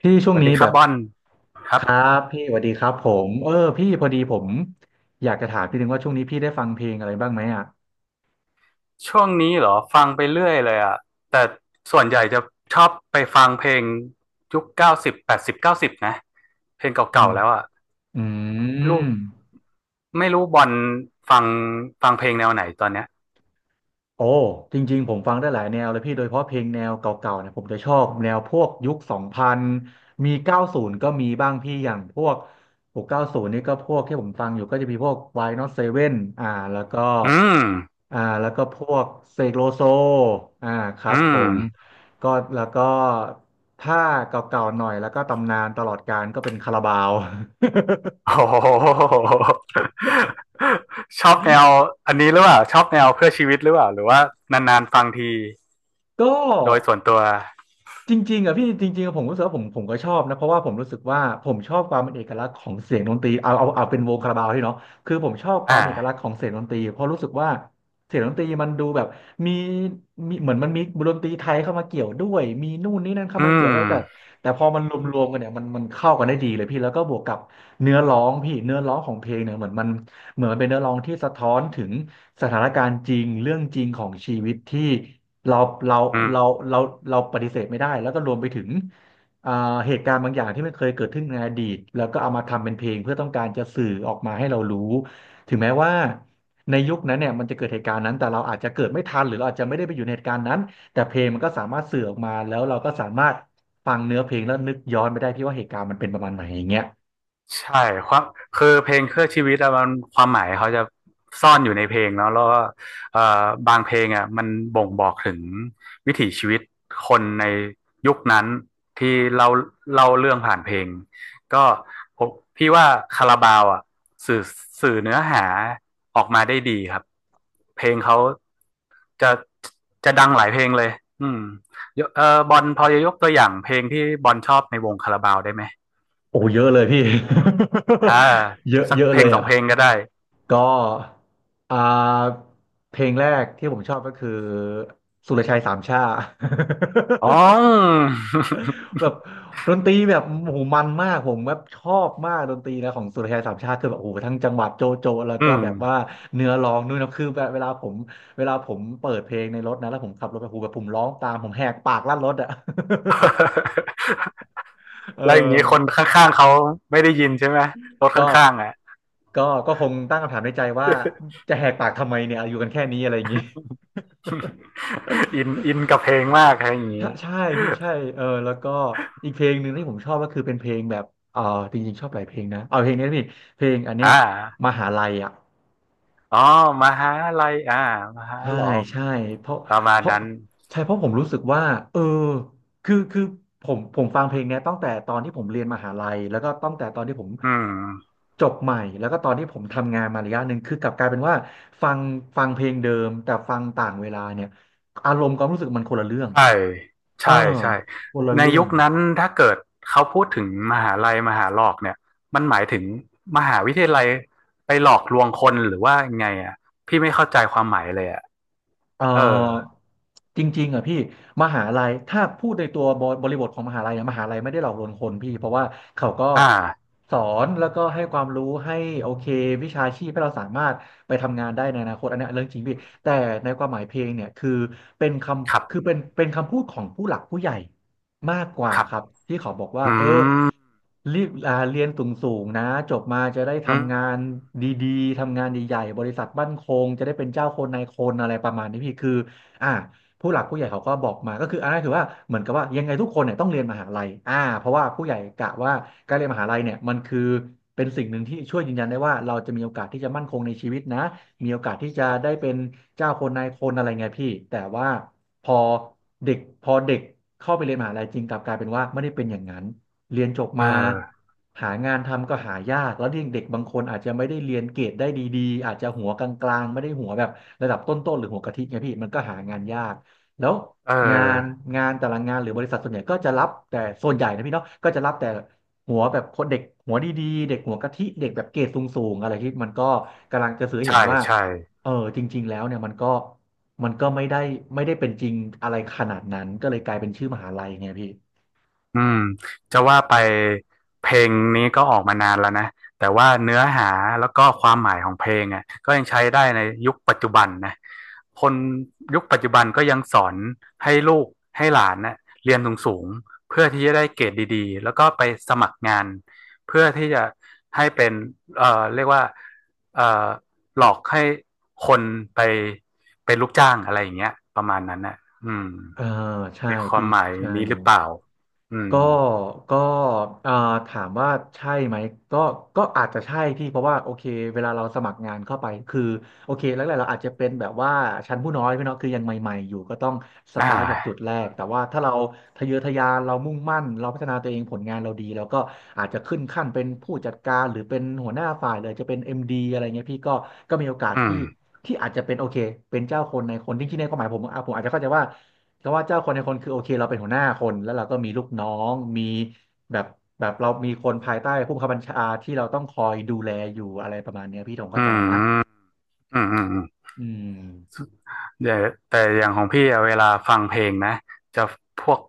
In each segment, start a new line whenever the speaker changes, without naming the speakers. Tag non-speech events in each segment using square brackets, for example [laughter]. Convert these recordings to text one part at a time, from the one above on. พี่ช่
ส
วง
วัส
นี้
ดีค
แบ
รับ
บ
บอลค
ค
รับ
รับพี่สวัสดีครับผมพี่พอดีผมอยากจะถามพี่นึงว่าช่วงนี้พี่ได้ฟังเพลงอะไรบ้างไหมอ่ะ
ช่วงนี้เหรอฟังไปเรื่อยเลยอ่ะแต่ส่วนใหญ่จะชอบไปฟังเพลงยุค 90 80 90นะเพลง
อื
เก่า
ม
ๆแล้วอ่ะ
อื
ลู
ม
กไม่รู้บอลฟังฟังเพลงแนวไหนตอนเนี้ย
โอ้จริงๆผมฟังได้หลายแนวเลยพี่โดยเฉพาะเพลงแนวเก่าๆเนี่ยผมจะชอบแนวพวกยุคสองพันมีเก้าศูนย์ก็มีบ้างพี่อย่างพวกหกเก้าศูนย์นี่ก็พวกที่ผมฟังอยู่ก็จะมีพวกวานอตเซเว่นอ่าแล้วก็
อืม
อ่าแล้วก็พวกเสกโลโซอ่าครับ
อื
ผ
ม
มก็แล้วก็ถ้าเก่าๆหน่อยแล้วก็ตำนานตลอดกาลก็เป็นคาราบาว
โอ้โหชอบแนวอันนี้หรือเปล่าชอบแนวเพื่อชีวิตหรือเปล่าหรือว่านานๆฟังที
[laughs] ก็
โดยส่วนตัว
จริงๆอะพี่จริงๆอะผมรู้สึกว่าผมก็ชอบนะเพราะว่าผมรู้สึกว่าผมชอบความเป็นเอกลักษณ์ของเสียงดนตรีเอาเป็นวงคาราบาวที่เนาะคือผมชอบค
อ่
วามเอกลักษณ์ข
า
องเสียงดนตรีเพราะรู้สึกว่าเสียงดนตรีมันดูแบบมีมีเหมือนมันมีดนตรีไทยเข้ามาเกี่ยวด้วยมีนู่นนี่นั่นเข้า
อื
มาเกี่ยว
ม
ด้วยแต่พอมันรวมๆกันเนี่ยมันเข้ากันได้ดีเลยพี่แล้วก็บวกกับเนื้อร้องพี่เนื้อร้องของเพลงเนี่ยเหมือนมัน เหมือนมันเป็นเนื้อร้องที่สะท้อนถึงสถานการณ์จริงเรื่องจริงของชีวิตที่เราเรา
อืม
เราเราเราปฏิเสธไม่ได้แล้วก็รวมไปถึงอ่าเหตุการณ์บางอย่างที่มันเคยเกิดขึ้นในอดีตแล้วก็เอามาทำเป็นเพลงเพื่อต้องการจะสื่อออกมาให้เรารู้ถึงแม้ว่าในยุคนั้นเนี่ยมันจะเกิดเหตุการณ์นั้นแต่เราอาจจะเกิดไม่ทันหรือเราอาจจะไม่ได้ไปอยู่ในเหตุการณ์นั้นแต่เพลงมันก็สามารถสื่อออกมาแล้วเราก็สามารถฟังเนื้อเพลงแล้วนึกย้อนไปได้ที่ว่าเหตุการณ์มันเป็นประมาณไหนอย่างเงี้ย
ใช่ความคือเพลงเครื่องชีวิตอะมันความหมายเขาจะซ่อนอยู่ในเพลงเนาะแล้วก็บางเพลงอะมันบ่งบอกถึงวิถีชีวิตคนในยุคนั้นที่เราเล่าเรื่องผ่านเพลงก็ผมพี่ว่าคาราบาวอะสื่อสื่อเนื้อหาออกมาได้ดีครับเพลงเขาจะจะดังหลายเพลงเลยอืมยกบอลพอจะยกตัวอย่างเพลงที่บอลชอบในวงคาราบาวได้ไหม
โอ้เยอะเลยพี่
อ่า
[laughs] เยอะ
สัก
เยอะ
เพล
เล
ง
ย
สอง
อ่ะ
เพลงก็ได้
ก็อ่าเพลงแรกที่ผมชอบก็คือสุรชัยสามช่า
อ๋อ
[laughs] แบบดนตรีแบบโอ้โหมันมากผมแบบชอบมากดนตรีนะของสุรชัยสามช่าคือแบบโอ้โหทั้งจังหวัดโจโจแล้ว
อื
ก็
ม
แบบว่าเนื้อร้องนู่นนะคือแบบเวลาผมเปิดเพลงในรถนะแล้วผมขับรถไปโอ้โหูแบบผมร้องตามผมแหกปากลั่นรถอ่ะ
[laughs]
[laughs] เอ
แล้วอย่าง
อ
นี้คนข้างๆเขาไม่ได้ยินใช่ไหมรถข
ก็
้างๆอ่ะ
ก็คงตั้งคำถามในใจว่าจะแหกปากทำไมเนี่ยอยู่กันแค่นี้อะไรอย่างนี้
[laughs] อินอินกับเพลงมากอะไรอย่าง
[laughs] ใช่
นี้
ใช่พี่ใช่เออแล้วก็อีกเพลงหนึ่งที่ผมชอบก็คือเป็นเพลงแบบเออจริงๆชอบหลายเพลงนะเอาเพลงนี้นะพี่เพลงอันเนี้
อ่
ยม
า
หาลัยอ่ะ
อ๋อมหาลัยอ่ามหา
ใช่
หลอก
ใช่เพราะ
ประมาณ
เพราะ
นั้น
ใช่เพราะผมรู้สึกว่าเออคือผมฟังเพลงเนี้ยตั้งแต่ตอนที่ผมเรียนมหาลัยแล้วก็ตั้งแต่ตอนที่ผม
อืม
จบใหม่แล้วก็ตอนที่ผมทำงานมาระยะหนึ่งคือกลับกลายเป็นว่าฟังฟังเพลงเดิมแต่ฟังต่างเวลาเนี่ยอารมณ์ความรู้สึกมันคนละเรื่อง
ใช่
เออ
ใช่ใช่
คนละ
ใน
เรื่อ
ยุ
ง
คนั้นถ้าเกิดเขาพูดถึงมหาลัยมหาหลอกเนี่ยมันหมายถึงมหาวิทยาลัยไปหลอกลวงคนหรือว่าไงอ่ะพี่ไม่เข้าใจความหมายเลยอ่ะ
เอ่
เออ
อจริงๆอ่ะพี่มหาลัยถ้าพูดในตัวบบริบทของมหาลัยอะมหาลัยไม่ได้หลอกลวงคนพี่เพราะว่าเขาก็
อ่า
สอนแล้วก็ให้ความรู้ให้โอเควิชาชีพให้เราสามารถไปทำงานได้ในอนาคตอันเนี้ยเรื่องจริงพี่แต่ในความหมายเพลงเนี่ยคือเป็นค
ครั
ำคือ
บ
เป็นคำพูดของผู้หลักผู้ใหญ่ มากกว่า
ครับ
ครับที่เขาบอกว่า
อื
เออ
ม
รีบเรียนสูงๆนะจบมาจะได้
อื
ทำงา
ม
นดีๆทำงานใหญ่ๆบริษัทมั่นคงจะได้เป็นเจ้าคนนายคนอะไรประมาณนี้พี่คืออ่าผู้หลักผู้ใหญ่เขาก็บอกมาก็คืออันนั้นคือว่าเหมือนกับว่ายังไงทุกคนเนี่ยต้องเรียนมหาลัยเพราะว่าผู้ใหญ่กะว่าการเรียนมหาลัยเนี่ยมันคือเป็นสิ่งหนึ่งที่ช่วยยืนยันได้ว่าเราจะมีโอกาสที่จะมั่นคงในชีวิตนะมีโอกาสที่จะ
ครั
ได้
บ
เป็นเจ้าคนนายคนอะไรเงี้ยพี่แต่ว่า พอเด็กเข้าไปเรียนมหาลัยจริงกลับกลายเป็นว่าไม่ได้เป็นอย่างนั้นเรียนจบ
เอ
มา
อ
หางานทำก็หายากแล้วเด็กเด็กบางคนอาจจะไม่ได้เรียนเกรดได้ดีๆอาจจะหัวกลางๆไม่ได้หัวแบบระดับต้นๆหรือหัวกะทิไงพี่มันก็หางานยากแล้ว
เอ
งาน
อ
แต่ละงานหรือบริษัทส่วนใหญ่ก็จะรับแต่ส่วนใหญ่นะพี่เนาะก็จะรับแต่หัวแบบคนเด็กหัวดีๆเด็กหัวกะทิเด็กแบบเกรดสูงๆอะไรที่มันก็กำลังจะสื่อให้
ใช่
เห็นว่า
ใช่
เออจริงๆแล้วเนี่ยมันก็ไม่ได้เป็นจริงอะไรขนาดนั้นก็เลยกลายเป็นชื่อมหาลัยไงพี่
อืมจะว่าไปเพลงนี้ก็ออกมานานแล้วนะแต่ว่าเนื้อหาแล้วก็ความหมายของเพลงอ่ะก็ยังใช้ได้ในยุคปัจจุบันนะคนยุคปัจจุบันก็ยังสอนให้ลูกให้หลานน่ะเรียนสูงๆเพื่อที่จะได้เกรดดีๆแล้วก็ไปสมัครงานเพื่อที่จะให้เป็นเรียกว่าเอ่อหลอกให้คนไปเป็นลูกจ้างอะไรอย่างเงี้ยประมาณนั้นน่ะอืม
เออใช่
ในควา
พี่
มหมาย
ใช่
นี้หรือเปล่าอืม
ก็ก็เอ่อถามว่าใช่ไหมก็ก็อาจจะใช่พี่เพราะว่าโอเคเวลาเราสมัครงานเข้าไปคือโอเคแรกๆเราอาจจะเป็นแบบว่าชั้นผู้น้อยพี่เนาะคือยังใหม่ๆอยู่ก็ต้องส
อ่า
ตาร์ทจากจุดแรกแต่ว่าถ้าเราทะเยอทะยานเรามุ่งมั่นเราพัฒนาตัวเองผลงานเราดีเราก็อาจจะขึ้นขั้นเป็นผู้จัดการหรือเป็นหัวหน้าฝ่ายเลยจะเป็นเอ็มดีอะไรเงี้ยพี่ก็มีโอกาส
อืม
ที่อาจจะเป็นโอเคเป็นเจ้าคนในคนจริงๆในความหมายผมอ่ะผมอาจจะเข้าใจว่า ก็ว่าเจ้าคนในคนคือโอเคเราเป็นหัวหน้าคนแล้วเราก็มีลูกน้องมีแบบแบบเรามีคนภายใต้ผู้บังคับบัญชาที่เราต้องคอยดูแลอยู่อะไรประมาณเนี้ยพี่ธงเข้า
อื
ใจนะ
มอืมอืมอืม
อืม
เดี๋ยวแต่อย่างของพี่อะเวลาฟังเพลงนะจะพวก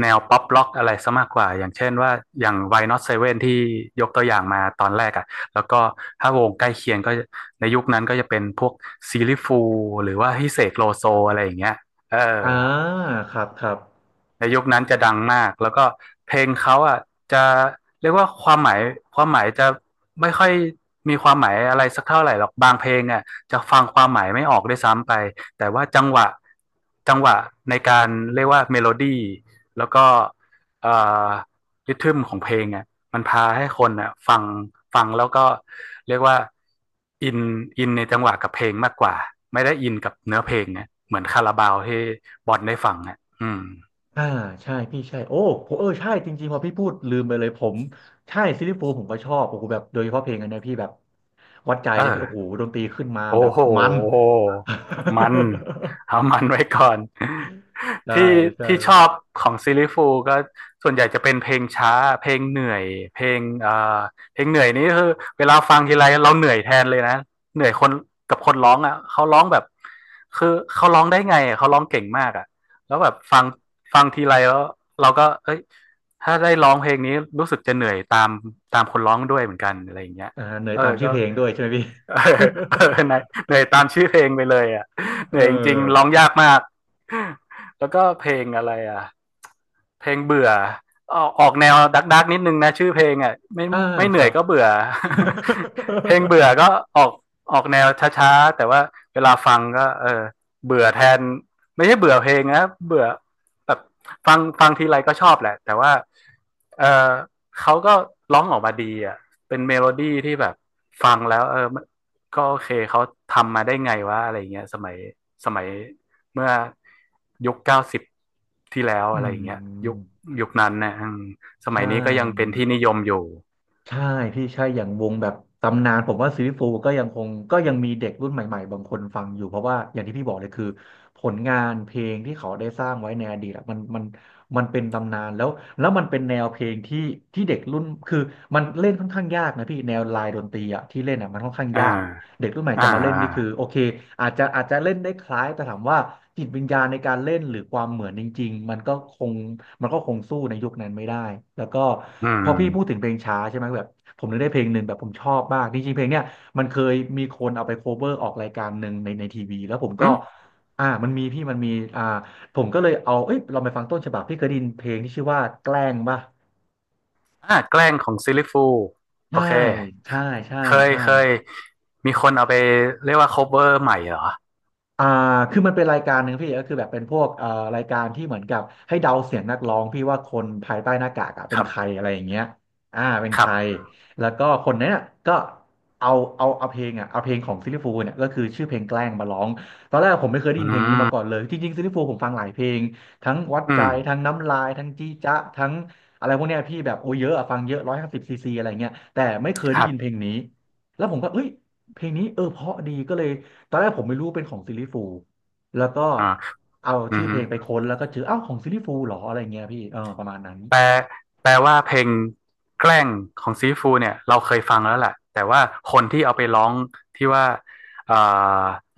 แนวป๊อปล็อกอะไรซะมากกว่าอย่างเช่นว่าอย่าง Why Not Seven ที่ยกตัวอย่างมาตอนแรกอ่ะแล้วก็ถ้าวงใกล้เคียงก็ในยุคนั้นก็จะเป็นพวกซีลิฟูหรือว่าฮิเสกโลโซอะไรอย่างเงี้ยเออ
อ่าครับ
ในยุคนั้นจะดังมากแล้วก็เพลงเขาอ่ะจะเรียกว่าความหมายความหมายจะไม่ค่อยมีความหมายอะไรสักเท่าไหร่หรอกบางเพลงอ่ะจะฟังความหมายไม่ออกด้วยซ้ำไปแต่ว่าจังหวะจังหวะในการเรียกว่าเมโลดี้แล้วก็เอ่อริทึมของเพลงอ่ะมันพาให้คนอ่ะฟังฟังแล้วก็เรียกว่าอินอินในจังหวะกับเพลงมากกว่าไม่ได้อินกับเนื้อเพลงนะเหมือนคาราบาวที่บอนได้ฟังอ่ะอืม
อ่าใช่พี่ใช่โอ้ผมเออใช่จริงๆพอพี่พูดลืมไปเลยผมใช่ซิลลี่ฟูลส์ผมก็ชอบโอ้โหแบบโดยเฉพาะเพลงอันเนี้ยพี่แบบวัดใจเลยพี่โอ้โห
เออ
ดนตรีขึ้นมา
โอ้
แบบ
โห
มัน
มันเอามันไว้ก่อน
[laughs]
[laughs]
ใช่
ที่
ใช่
ที่ชอบของซิลลี่ฟูลส์ก็ส่วนใหญ่จะเป็นเพลงช้าเพลงเหนื่อยเพลงเพลงเหนื่อยนี่คือเวลาฟังทีไรเราเหนื่อยแทนเลยนะเหนื่อยคนกับคนร้องอ่ะเขาร้องแบบคือเขาร้องได้ไงอะเขาร้องเก่งมากอ่ะแล้วแบบฟังฟังทีไรแล้วเราก็เอ้ยถ้าได้ร้องเพลงนี้รู้สึกจะเหนื่อยตามตามคนร้องด้วยเหมือนกันอะไรอย่างเงี้ย
อ่าเหนื่อย
เอ
ตา
อ
มชื่อ
ก็
เพลงด้วยใช่ไหมพี่
[laughs] เหนื่อยเหนื่อยตามชื่อเพลงไปเลยอ่ะ
[laughs]
เห
เอ
นื่อยจริง
อ
ๆร้องยากมากแล้วก็เพลงอะไรอ่ะ เพลงเบื่อออกแนวดักดักนิดนึงนะชื่อเพลงอ่ะไม่
อ่า
ไม่เห
ค
นื่
รั
อย
บ
ก็
[laughs]
เบื่อ [laughs] เพลงเบื่อก็ออกออกแนวช้าๆแต่ว่าเวลาฟังก็เออเบื่อแทนไม่ใช่เบื่อเพลงนะเบื่อแบบฟังฟังทีไรก็ชอบแหละแต่ว่าเออเขาก็ร้องออกมาดีอ่ะเป็นเมโลดี้ที่แบบฟังแล้วเออก็โอเคเขาทำมาได้ไงวะอะไรเงี้ยสมัย เมื่อยุค 90ที่แล้ว
อื
อะไรอย่างเงี้ยยุค
ม
ยุคนั้นเนี่ยสมั
ใช่
ยนี้ก็ยังเป็นที่นิยมอยู่
ใช่พี่ใช่อย่างวงแบบตำนานผมว่าซีรีส์ฟูก็ยังคงก็ยังมีเด็กรุ่นใหม่ๆบางคนฟังอยู่เพราะว่าอย่างที่พี่บอกเลยคือผลงานเพลงที่เขาได้สร้างไว้ในอดีตอะมันมันเป็นตำนานแล้วแล้วมันเป็นแนวเพลงที่เด็กรุ่นคือมันเล่นค่อนข้างยากนะพี่แนวลายดนตรีอะที่เล่นอะมันค่อนข้าง
อ่า
ยาก เด็กรุ่นใหม่
อ่า
จะมาเล่น
อ่า
นี่คือโอเคอาจจะเล่นได้คล้ายแต่ถามว่าจิตวิญญาณในการเล่นหรือความเหมือนจริงๆมันก็คงสู้ในยุคนั้นไม่ได้แล้วก็
อื
พ
ม
อพี่พูดถึงเพลงช้าใช่ไหมแบบผมนึกได้เพลงหนึ่งแบบผมชอบมากจริงๆเพลงเนี้ยมันเคยมีคนเอาไปโคเวอร์ออกรายการหนึ่งในทีวีแล้วผม
อื
ก็
ม
อ่ามันมีพี่มันมีอ่าผมก็เลยเอาเอ้ยเราไปฟังต้นฉบับพี่เคยได้ยินเพลงที่ชื่อว่าแกล้งป่ะ
อ่าแกล้งของซิลลิฟูโอ
ใช่
เค
ใช่ใช่
เคย
ใช่
เคยมีคนเอาไปเรียกว่า cover ใหม่เหรอ
อ่าคือมันเป็นรายการหนึ่งพี่ก็คือแบบเป็นพวกเอ่อรายการที่เหมือนกับให้เดาเสียงนักร้องพี่ว่าคนภายใต้หน้ากากอะ
ค
เป็น
รั
ใคร
บ
อะไรอย่างเงี้ยอ่าเป็น
ค
ใค
รับ
รแล้วก็คนเนี้ยก็เอาเอาเพลงอ่ะเอาเพลงของซิลลี่ฟูลส์เนี่ยก็คือชื่อเพลงแกล้งมาร้องตอนแรกผมไม่เคยได้
อื
ยินเพลงนี้มาก่อ
ม
นเลยจริงๆซิลลี่ฟูลส์ผมฟังหลายเพลงทั้งวัด
อื
ใจ
ม
ทั้งน้ำลายทั้งจี้จ๊ะทั้งอะไรพวกเนี้ยพี่แบบโอ้เยอะอะฟังเยอะ150 ซีซีอะไรเงี้ยแต่ไม่เคย
ค
ได้
รั
ยินเพล
บ
งนี้แล้วผมก็เอ้ยเพลงนี้เออเพราะดีก็เลย ตอนแรกผมไม่รู้เป็นของซิลลี่ฟูลส์แล้วก็
อ่า
เอา
อื
ชื่อ
ม
เพลงไปค้นแล้วก็เจออ้าวของซิลลี่ฟูลส์เหรออะไรเงี้ยพี่เออประมาณนั้น
แปลแปลว่าเพลงแกล้งของซีฟูเนี่ยเราเคยฟังแล้วแหละแต่ว่าคนที่เอาไปร้องที่ว่า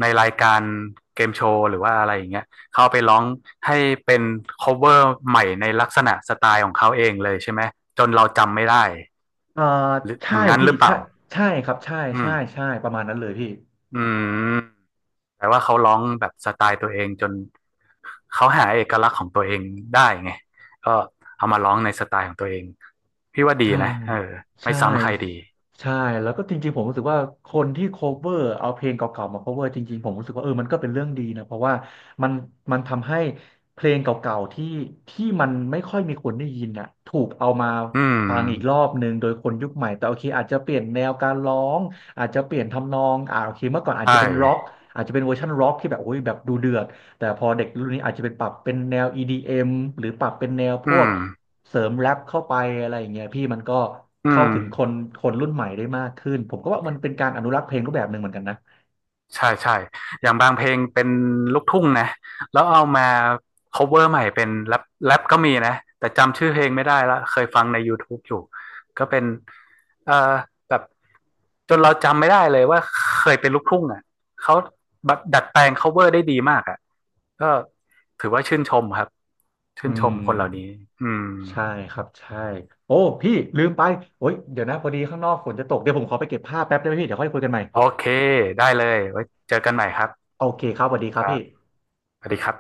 ในรายการเกมโชว์หรือว่าอะไรอย่างเงี้ยเขาเอาไปร้องให้เป็นคฟเวอร์ใหม่ในลักษณะสไตล์ของเขาเองเลยใช่ไหมจนเราจำไม่ได้
เออ
หรืออ
ใช่
ย่างนั้น
พี่
หรือเป
ใช่
ล่า
ครับใช่
อื
ใช่
ม
ใช่ประมาณนั้นเลยพี่
อืม แต่ว่าเขาร้องแบบสไตล์ตัวเองจนเขาหาเอกลักษณ์ของตัวเองได้ไงก็เอามาร้องในสไตล์ของตัวเองพี่ว่าดี
ใช่
นะเออไม่
ใช่
ซ้ำใครดี
ใช่แล้วก็จริงๆผมรู้สึกว่าคนที่ cover เอาเพลงเก่าๆมา cover จริงๆผมรู้สึกว่าเออมันก็เป็นเรื่องดีนะเพราะว่ามันมันทำให้เพลงเก่าๆที่มันไม่ค่อยมีคนได้ยินน่ะถูกเอามา
อืม
ฟังอีกรอบหนึ่งโดยคนยุคใหม่แต่โอเคอาจจะเปลี่ยนแนวการร้องอาจจะเปลี่ยนทำนองอ่าโอเคเมื่อก่อนอาจ
ใช่
จะเป็นร็อกอาจจะเป็นเวอร์ชันร็อกที่แบบโอ้ยแบบดูเดือดแต่พอเด็กรุ่นนี้อาจจะเป็นปรับเป็นแนว EDM หรือปรับเป็นแนวพ
อื
วก
ม
เสริมแรปเข้าไปอะไรอย่างเงี้ยพี่มันก็
อื
เข้า
ม
ถึงคนรุ่นใหม่ได้มากขึ้นผมก็ว่ามันเป็นการอนุรักษ์เพลงรูปแบบหนึ่งเหมือนกันนะ
ใช่ใช่ อย่างบางเพลงเป็นลูกทุ่งนะแล้วเอามา cover ใหม่เป็นแรปแรปก็มีนะแต่จำชื่อเพลงไม่ได้ละเคยฟังใน YouTube อยู่ ก็เป็นเอ่อแบบจนเราจำไม่ได้เลยว่าเคยเป็นลูกทุ่งอ่ะเขาแบบดัดแปลง cover ได้ดีมากอ่ะก็ถือว่าชื่นชมครับ
อื
ชื่นช
ม
มคนเหล่านี้อืม
ใช่ครับใช่โอ้พี่ลืมไปโอ้ยเดี๋ยวนะพอดีข้างนอกฝนจะตกเดี๋ยวผมขอไปเก็บผ้าแป๊บได้ไหมพี่เดี๋ยวค่อยคุยกันใหม่
โอเคได้เลยไว้เจอกันใหม่ครับ
โอเคครับสวัสดีค
ค
รับ
รับ
พี่
สวัสดีครับ